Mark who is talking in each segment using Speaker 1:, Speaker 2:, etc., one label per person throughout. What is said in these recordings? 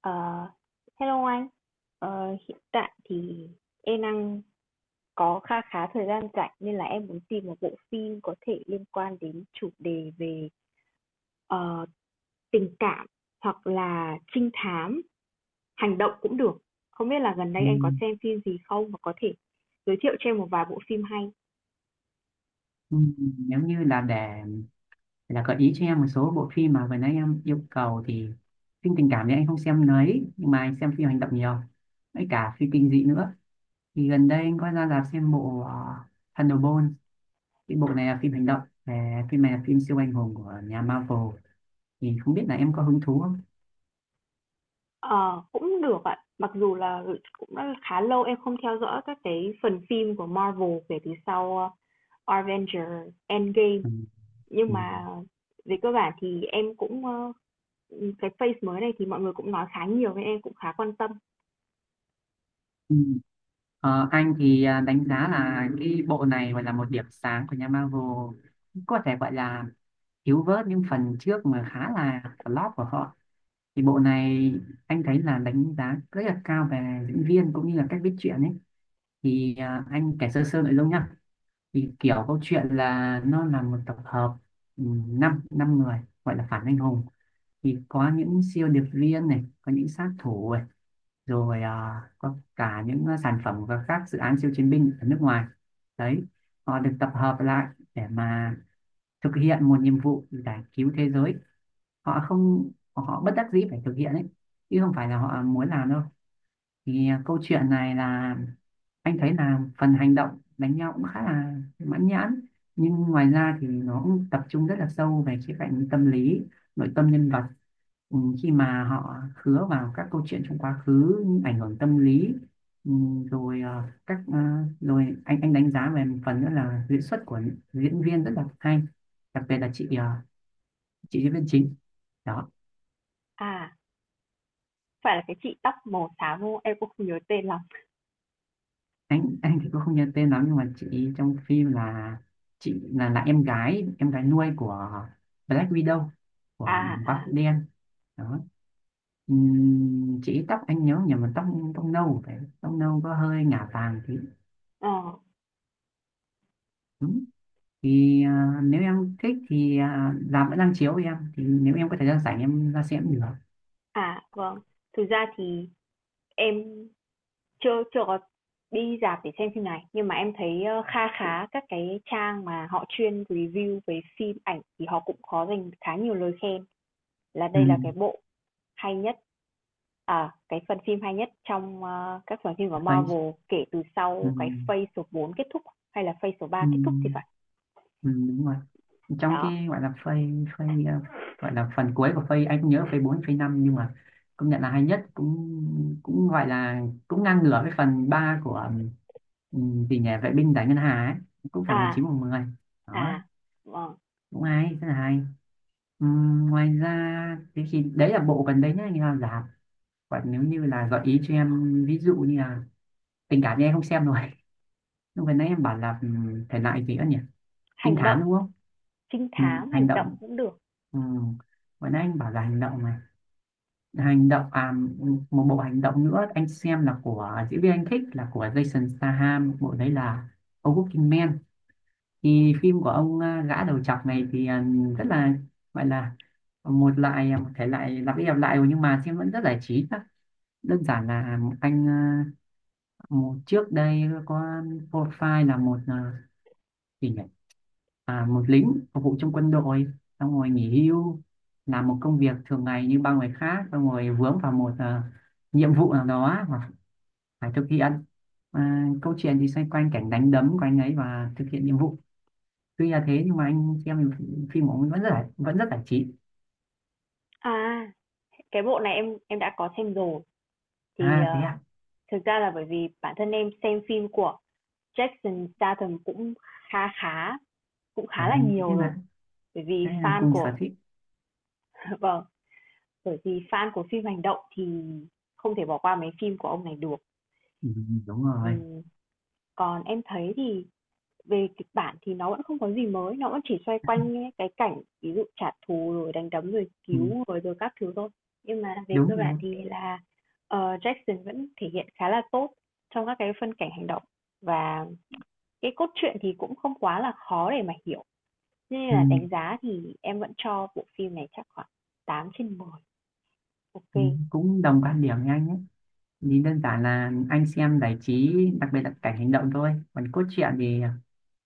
Speaker 1: Ờ, hello anh. Hiện tại thì em đang có kha khá thời gian rảnh nên là em muốn tìm một bộ phim có thể liên quan đến chủ đề về ờ, tình cảm hoặc là trinh thám, hành động cũng được. Không biết là gần
Speaker 2: Ừ,
Speaker 1: đây anh có xem phim gì không và có thể giới thiệu cho em một vài bộ phim hay.
Speaker 2: ừ, giống như là là gợi ý cho em một số bộ phim mà vừa nãy em yêu cầu. Thì phim tình cảm thì anh không xem mấy, nhưng mà anh xem phim hành động nhiều, với cả phim kinh dị nữa. Thì gần đây anh có ra rạp xem bộ Thunderbolt. Cái bộ này là phim hành động. Về phim này là phim siêu anh hùng của nhà Marvel, thì không biết là em có hứng thú không.
Speaker 1: Ờ, cũng được ạ. Mặc dù là cũng đã khá lâu em không theo dõi các cái phần phim của Marvel kể từ sau Avengers Endgame.
Speaker 2: Ừ.
Speaker 1: Nhưng
Speaker 2: Ừ.
Speaker 1: mà về cơ bản thì em cũng, cái face mới này thì mọi người cũng nói khá nhiều nên em cũng khá quan tâm.
Speaker 2: Ừ. Anh thì đánh giá là cái bộ này gọi là một điểm sáng của nhà Marvel, có thể gọi là thiếu vớt những phần trước mà khá là flop của họ. Thì bộ này anh thấy là đánh giá rất là cao về diễn viên cũng như là cách viết truyện ấy. Thì anh kể sơ sơ nội dung nhá. Thì kiểu câu chuyện là nó là một tập hợp, năm năm người gọi là phản anh hùng. Thì có những siêu điệp viên này, có những sát thủ, rồi có cả những sản phẩm và các dự án siêu chiến binh ở nước ngoài đấy. Họ được tập hợp lại để mà thực hiện một nhiệm vụ giải cứu thế giới. Họ không họ bất đắc dĩ phải thực hiện ấy, chứ không phải là họ muốn làm đâu. Thì câu chuyện này là anh thấy là phần hành động đánh nhau cũng khá là mãn nhãn, nhưng ngoài ra thì nó cũng tập trung rất là sâu về khía cạnh tâm lý, nội tâm nhân vật, khi mà họ khứa vào các câu chuyện trong quá khứ, những ảnh hưởng tâm lý. Ừ, rồi ờ, các ờ, Rồi anh đánh giá về một phần nữa là diễn xuất của diễn viên rất là hay, đặc biệt là chị chị diễn viên chính đó.
Speaker 1: À, phải là cái chị tóc màu xám, đúng không? Em cũng không nhớ tên lắm.
Speaker 2: Anh thì cũng không nhớ tên lắm, nhưng mà chị trong phim là chị là em gái nuôi của Black Widow, của
Speaker 1: À,
Speaker 2: Quả
Speaker 1: à,
Speaker 2: Phụ Đen đó. Chị tóc, anh nhớ nhầm là tóc, tóc nâu, phải, tóc nâu có hơi ngả vàng thì
Speaker 1: ờ,
Speaker 2: đúng. Thì nếu em thích thì làm vẫn đang chiếu, em thì nếu em có thời gian rảnh em ra xem cũng được.
Speaker 1: à, vâng. Thực ra thì em chưa chưa có đi rạp để xem phim này, nhưng mà em thấy, kha khá các cái trang mà họ chuyên review về phim ảnh thì họ cũng có dành khá nhiều lời khen là
Speaker 2: Ừ,
Speaker 1: đây là cái bộ hay nhất. À, cái phần phim hay nhất trong, các phần phim của
Speaker 2: vậy.
Speaker 1: Marvel kể từ
Speaker 2: Ừ,
Speaker 1: sau cái Phase số 4 kết thúc hay là Phase số 3
Speaker 2: ừ,
Speaker 1: kết thúc thì phải.
Speaker 2: ừ, đúng rồi, trong
Speaker 1: Đó.
Speaker 2: cái gọi là phase, phase ờ, gọi là phần cuối của phase, anh không nhớ phase 4 phase năm, nhưng mà công nhận là hay nhất, cũng cũng gọi là cũng ngang ngửa với phần 3 của, vì nhà vệ binh giải ngân hà ấy, cũng phải một
Speaker 1: À,
Speaker 2: chín một 10 đó.
Speaker 1: à, ờ,
Speaker 2: Cũng hay, rất là hay. Ngoài ra thì đấy là bộ gần đấy nhá, như là giảm. Còn nếu như là gợi ý cho em, ví dụ như là tình cảm thì em không xem rồi, lúc gần nãy em bảo là, thể loại gì nữa nhỉ, trinh
Speaker 1: hành
Speaker 2: thám
Speaker 1: động,
Speaker 2: đúng không.
Speaker 1: trinh
Speaker 2: Ừ,
Speaker 1: thám
Speaker 2: hành
Speaker 1: hành động
Speaker 2: động.
Speaker 1: cũng được.
Speaker 2: Ừ. Vừa nãy anh bảo là hành động này, hành động, một bộ hành động nữa anh xem là của diễn viên anh thích là của Jason Statham, bộ đấy là A Working Man. Thì phim của ông, gã đầu trọc này thì rất là, gọi là một loại, một thể loại lặp đi lặp lại nhưng mà xem vẫn rất giải trí đó. Đơn giản là anh, một trước đây có profile là một, thì nhỉ? Một lính phục vụ trong quân đội, xong rồi nghỉ hưu, làm một công việc thường ngày như bao người khác, xong rồi vướng vào một nhiệm vụ nào đó mà phải thực hiện. Câu chuyện thì xoay quanh cảnh đánh đấm của anh ấy và thực hiện nhiệm vụ. Tuy là thế nhưng mà anh xem phim của ông vẫn rất là, vẫn rất giải trí.
Speaker 1: À, cái bộ này em đã có xem rồi. Thì,
Speaker 2: À thế à,
Speaker 1: thực ra là bởi vì bản thân em xem phim của Jason Statham cũng khá khá cũng
Speaker 2: à
Speaker 1: khá là
Speaker 2: thế
Speaker 1: nhiều rồi,
Speaker 2: là,
Speaker 1: bởi
Speaker 2: thế
Speaker 1: vì
Speaker 2: là
Speaker 1: fan
Speaker 2: cùng sở
Speaker 1: của
Speaker 2: thích.
Speaker 1: vâng. Bởi vì fan của phim hành động thì không thể bỏ qua mấy phim của ông này được.
Speaker 2: Ừ, đúng rồi.
Speaker 1: Ừm, còn em thấy thì về kịch bản thì nó vẫn không có gì mới, nó vẫn chỉ xoay quanh những cái cảnh ví dụ trả thù rồi đánh đấm rồi
Speaker 2: Ừ,
Speaker 1: cứu rồi rồi các thứ thôi. Nhưng mà về cơ
Speaker 2: đúng
Speaker 1: bản
Speaker 2: đúng.
Speaker 1: thì là ờ, Jackson vẫn thể hiện khá là tốt trong các cái phân cảnh hành động và cái cốt truyện thì cũng không quá là khó để mà hiểu. Thế nên
Speaker 2: Ừ,
Speaker 1: là đánh giá thì em vẫn cho bộ phim này chắc khoảng 8/10.
Speaker 2: ừ,
Speaker 1: Ok.
Speaker 2: cũng đồng quan điểm với anh ấy. Nhìn đơn giản là anh xem giải trí, đặc biệt là cảnh hành động thôi, còn cốt truyện thì,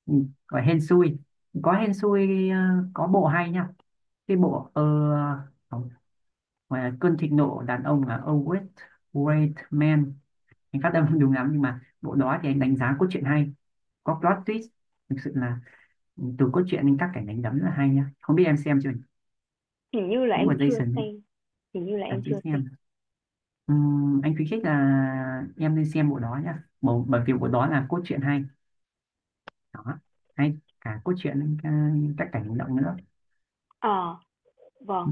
Speaker 2: ừ, gọi hên xui, có hên xui. Ờ, có bộ hay nha, cái bộ không, mà cơn thịnh nộ đàn ông là Always Great Man, anh phát âm không đúng lắm, nhưng mà bộ đó thì anh đánh giá cốt truyện hay, có plot twist, thực sự là, từ cốt truyện đến các cảnh đánh đấm là hay nha, không biết em xem chưa nhỉ?
Speaker 1: Hình như là
Speaker 2: Cũng
Speaker 1: em
Speaker 2: là
Speaker 1: chưa
Speaker 2: Jason đấy.
Speaker 1: xem, hình như là
Speaker 2: À
Speaker 1: em
Speaker 2: chứ
Speaker 1: chưa
Speaker 2: xem.
Speaker 1: xem.
Speaker 2: Anh khuyến khích là em nên xem bộ đó nhá bộ, bởi vì bộ đó là cốt truyện hay đó, hay cả cốt truyện, các cảnh hành động nữa.
Speaker 1: Ờ, vâng.
Speaker 2: Ừ.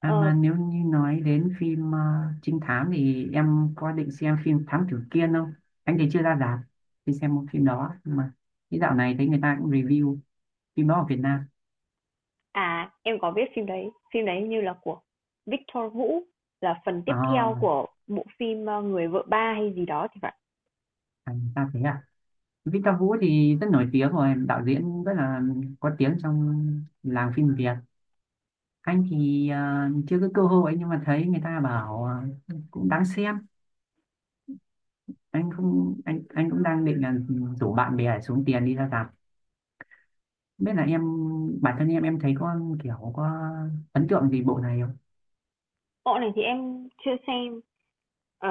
Speaker 2: À
Speaker 1: Ờ,
Speaker 2: mà nếu như nói đến phim, trinh thám thì em có định xem phim Thám Tử Kiên không. Anh thì chưa ra rạp đi xem một phim đó, nhưng mà cái dạo này thấy người ta cũng review phim đó ở Việt Nam.
Speaker 1: em có biết phim đấy. Phim đấy hình như là của Victor Vũ, là phần tiếp theo
Speaker 2: À,
Speaker 1: của bộ phim Người vợ ba hay gì đó thì phải.
Speaker 2: người ta thế à. Victor Vũ thì rất nổi tiếng rồi, đạo diễn rất là có tiếng trong làng phim Việt. Anh thì chưa có cơ hội, nhưng mà thấy người ta bảo, cũng đáng xem. Anh không anh anh cũng đang định là rủ bạn bè để xuống tiền đi ra rạp. Biết là em, bản thân em thấy có kiểu có ấn tượng gì bộ này không.
Speaker 1: Bộ này thì em chưa xem. Ờ,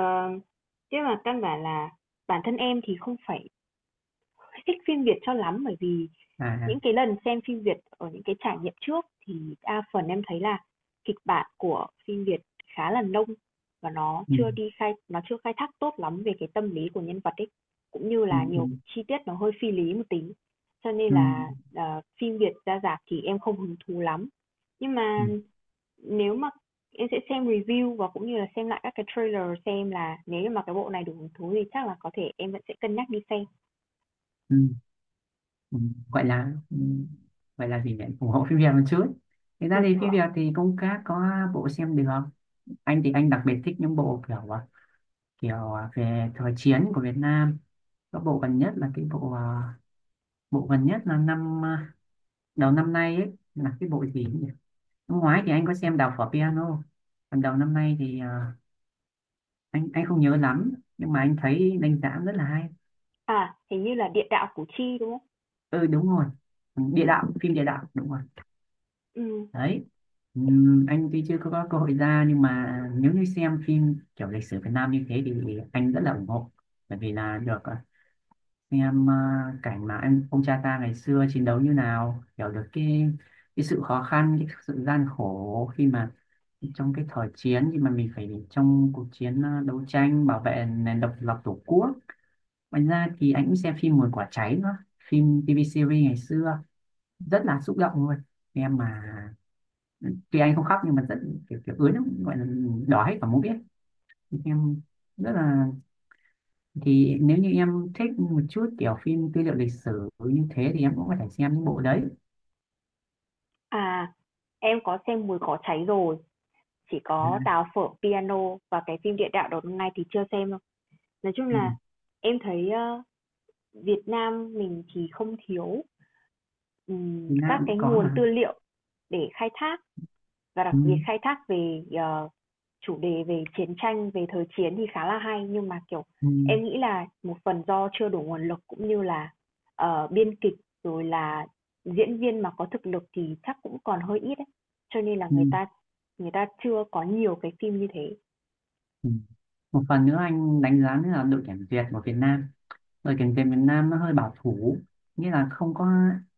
Speaker 1: chứ mà căn bản là bản thân em thì không phải thích phim Việt cho lắm bởi vì
Speaker 2: À.
Speaker 1: những cái lần xem phim Việt ở những cái trải nghiệm trước thì đa phần em thấy là kịch bản của phim Việt khá là nông và
Speaker 2: Ừ,
Speaker 1: nó chưa khai thác tốt lắm về cái tâm lý của nhân vật ấy cũng như
Speaker 2: ừ,
Speaker 1: là
Speaker 2: ừ,
Speaker 1: nhiều chi tiết nó hơi phi lý một tí cho nên
Speaker 2: ừ,
Speaker 1: là phim Việt ra rạp thì em không hứng thú lắm nhưng
Speaker 2: ừ,
Speaker 1: mà nếu mà em sẽ xem review và cũng như là xem lại các cái trailer xem là nếu như mà cái bộ này đủ hứng thú thì chắc là có thể em vẫn sẽ cân nhắc đi xem.
Speaker 2: ừ, ừ. Gọi là, gọi là gì nhỉ, ủng hộ phim Việt một chút. Thực ra
Speaker 1: Ừ,
Speaker 2: thì
Speaker 1: ừ.
Speaker 2: phim Việt thì cũng các có bộ xem được. Anh thì anh đặc biệt thích những bộ kiểu, kiểu, về thời chiến của Việt Nam, có bộ gần nhất là cái bộ, bộ gần nhất là năm, đầu năm nay ấy, là cái bộ gì. Năm ngoái thì anh có xem Đào phở piano. Còn đầu năm nay thì anh không nhớ lắm, nhưng mà anh thấy đánh giá rất là hay.
Speaker 1: À, hình như là Địa đạo Củ Chi, đúng không?
Speaker 2: Ừ, đúng rồi. Địa đạo, phim địa đạo đúng rồi.
Speaker 1: Ừ
Speaker 2: Đấy. Anh tuy chưa có, có cơ hội ra, nhưng mà nếu như xem phim kiểu lịch sử Việt Nam như thế thì anh rất là ủng hộ. Bởi vì là được xem cảnh mà anh, ông cha ta ngày xưa chiến đấu như nào, hiểu được cái sự khó khăn, cái sự gian khổ khi mà trong cái thời chiến thì mà mình phải trong cuộc chiến đấu tranh bảo vệ nền độc lập tổ quốc. Ngoài ra thì anh cũng xem phim Mùi Quả Cháy nữa, phim TV series ngày xưa, rất là xúc động luôn. Em mà, tuy anh không khóc nhưng mà rất kiểu kiểu ướt lắm, gọi là đỏ hết cả, muốn biết em, rất là, thì nếu như em thích một chút kiểu phim tư liệu lịch sử như thế thì em cũng có thể xem những bộ đấy.
Speaker 1: à, em có xem Mùi Cỏ Cháy rồi, chỉ có
Speaker 2: À,
Speaker 1: Đào Phở Piano và cái phim Địa đạo Đốt Ngày thì chưa xem đâu. Nói chung
Speaker 2: ừ.
Speaker 1: là em thấy, Việt Nam mình thì không thiếu,
Speaker 2: Việt
Speaker 1: các
Speaker 2: Nam cũng
Speaker 1: cái
Speaker 2: có
Speaker 1: nguồn tư
Speaker 2: mà.
Speaker 1: liệu để khai thác. Và đặc
Speaker 2: Ừ.
Speaker 1: biệt khai thác về chủ đề về chiến tranh, về thời chiến thì khá là hay nhưng mà, kiểu,
Speaker 2: Ừ.
Speaker 1: em nghĩ là một phần do chưa đủ nguồn lực cũng như là, ờ, biên kịch rồi là diễn viên mà có thực lực thì chắc cũng còn hơi ít ấy. Cho nên là
Speaker 2: Ừ.
Speaker 1: người ta chưa có nhiều cái phim như thế.
Speaker 2: Ừ. Một phần nữa anh đánh giá nữa là đội tuyển Việt của Việt Nam, rồi cảnh về miền Nam nó hơi bảo thủ, nghĩa là không có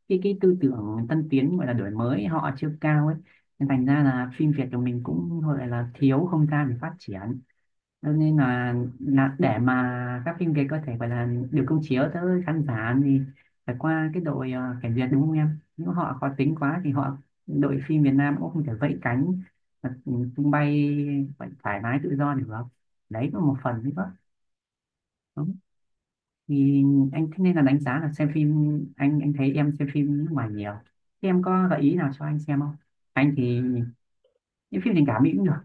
Speaker 2: cái tư tưởng tân tiến, gọi là đổi mới họ chưa cao ấy, nên thành ra là phim Việt của mình cũng gọi là thiếu không gian để phát triển. Cho nên là để mà các phim Việt có thể gọi là được công chiếu tới khán giả thì phải qua cái đội cảnh Việt, đúng không em, nếu họ khó tính quá thì họ, đội phim Việt Nam cũng không thể vẫy cánh mà tung bay, phải thoải mái tự do được. Đấy cũng là một phần đấy đó. Thì anh thế nên là đánh giá là xem phim. Anh thấy em xem phim nước ngoài nhiều, thế em có gợi ý nào cho anh xem không. Anh thì những phim tình cảm Mỹ cũng được,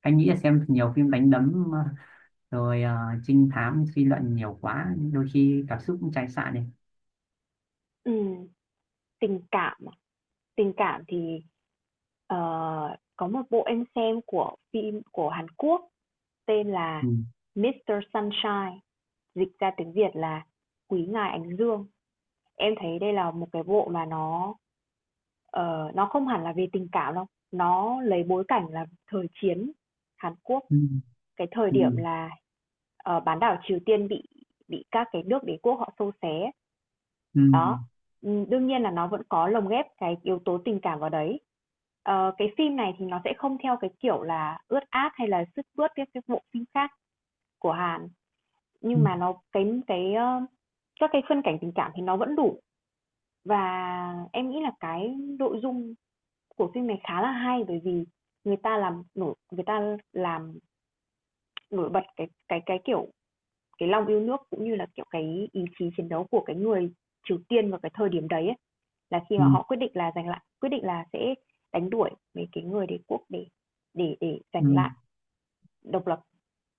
Speaker 2: anh nghĩ là xem nhiều phim đánh đấm rồi trinh thám suy luận nhiều quá, đôi khi cảm xúc cũng chai sạn này.
Speaker 1: Ừm, tình cảm à? Tình cảm thì, ờ, có một bộ em xem của phim của Hàn Quốc. Tên là
Speaker 2: Ừ.
Speaker 1: Mr Sunshine, dịch ra tiếng Việt là Quý ngài Ánh Dương. Em thấy đây là một cái bộ mà nó nó không hẳn là về tình cảm đâu, nó lấy bối cảnh là thời chiến Hàn Quốc,
Speaker 2: Ừ.
Speaker 1: cái thời
Speaker 2: Ừ.
Speaker 1: điểm là bán đảo Triều Tiên bị các cái nước đế quốc họ xô xé.
Speaker 2: Ừ.
Speaker 1: Đó. Ừ, đương nhiên là nó vẫn có lồng ghép cái yếu tố tình cảm vào đấy. Ờ, cái phim này thì nó sẽ không theo cái kiểu là ướt át hay là sướt mướt các cái bộ phim khác của Hàn.
Speaker 2: Ừ.
Speaker 1: Nhưng mà nó các cái phân cảnh tình cảm thì nó vẫn đủ. Và em nghĩ là cái nội dung của phim này khá là hay, bởi vì người ta làm nổi bật cái lòng yêu nước cũng như là, kiểu, cái ý chí chiến đấu của cái người Triều Tiên vào cái thời điểm đấy ấy, là khi
Speaker 2: Ừ.
Speaker 1: mà họ quyết định là sẽ đánh đuổi mấy cái người đế quốc để
Speaker 2: Ừ.
Speaker 1: giành lại độc lập.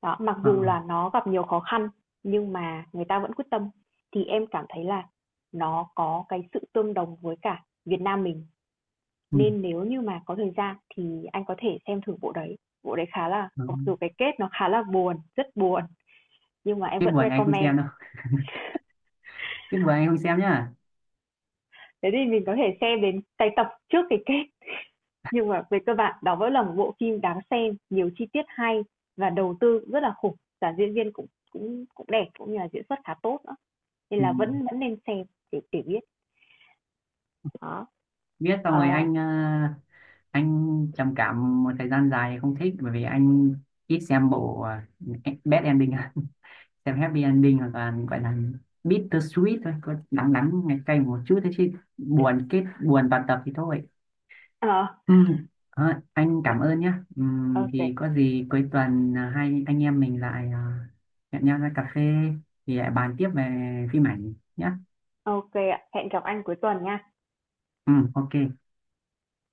Speaker 1: Đó, mặc
Speaker 2: Ờ.
Speaker 1: dù là nó gặp nhiều khó khăn nhưng mà người ta vẫn quyết tâm thì em cảm thấy là nó có cái sự tương đồng với cả Việt Nam mình
Speaker 2: Ừ.
Speaker 1: nên nếu như mà có thời gian thì anh có thể xem thử bộ đấy. Bộ đấy khá là
Speaker 2: Ừ.
Speaker 1: mặc dù cái kết nó khá là buồn, rất buồn nhưng mà em
Speaker 2: Tiếc
Speaker 1: vẫn
Speaker 2: buồn anh không xem
Speaker 1: recommend.
Speaker 2: đâu, biết buồn anh không xem nhá.
Speaker 1: Thế thì mình có thể xem đến cái tập trước cái kết nhưng mà về cơ bản đó vẫn là một bộ phim đáng xem, nhiều chi tiết hay và đầu tư rất là khủng, cả diễn viên cũng cũng cũng đẹp cũng như là diễn xuất khá tốt. Nên
Speaker 2: Ừ.
Speaker 1: là vẫn vẫn nên xem để biết đó.
Speaker 2: Biết xong rồi
Speaker 1: ờ
Speaker 2: anh, anh trầm cảm một thời gian dài không thích, bởi vì anh ít xem bộ, bad ending. Xem happy ending hoặc là gọi là bitter sweet thôi, có đắng đắng ngày cay một chút thế chứ buồn kết buồn toàn tập thì thôi.
Speaker 1: ờ
Speaker 2: Ừ. À, anh cảm ơn nhé. Ừ, thì
Speaker 1: ok.
Speaker 2: có gì cuối tuần, hai anh em mình lại hẹn nhau ra cà phê, thì lại bàn tiếp về phim ảnh nhé.
Speaker 1: Ok ạ, hẹn gặp anh cuối tuần nha.
Speaker 2: Ừ, ok.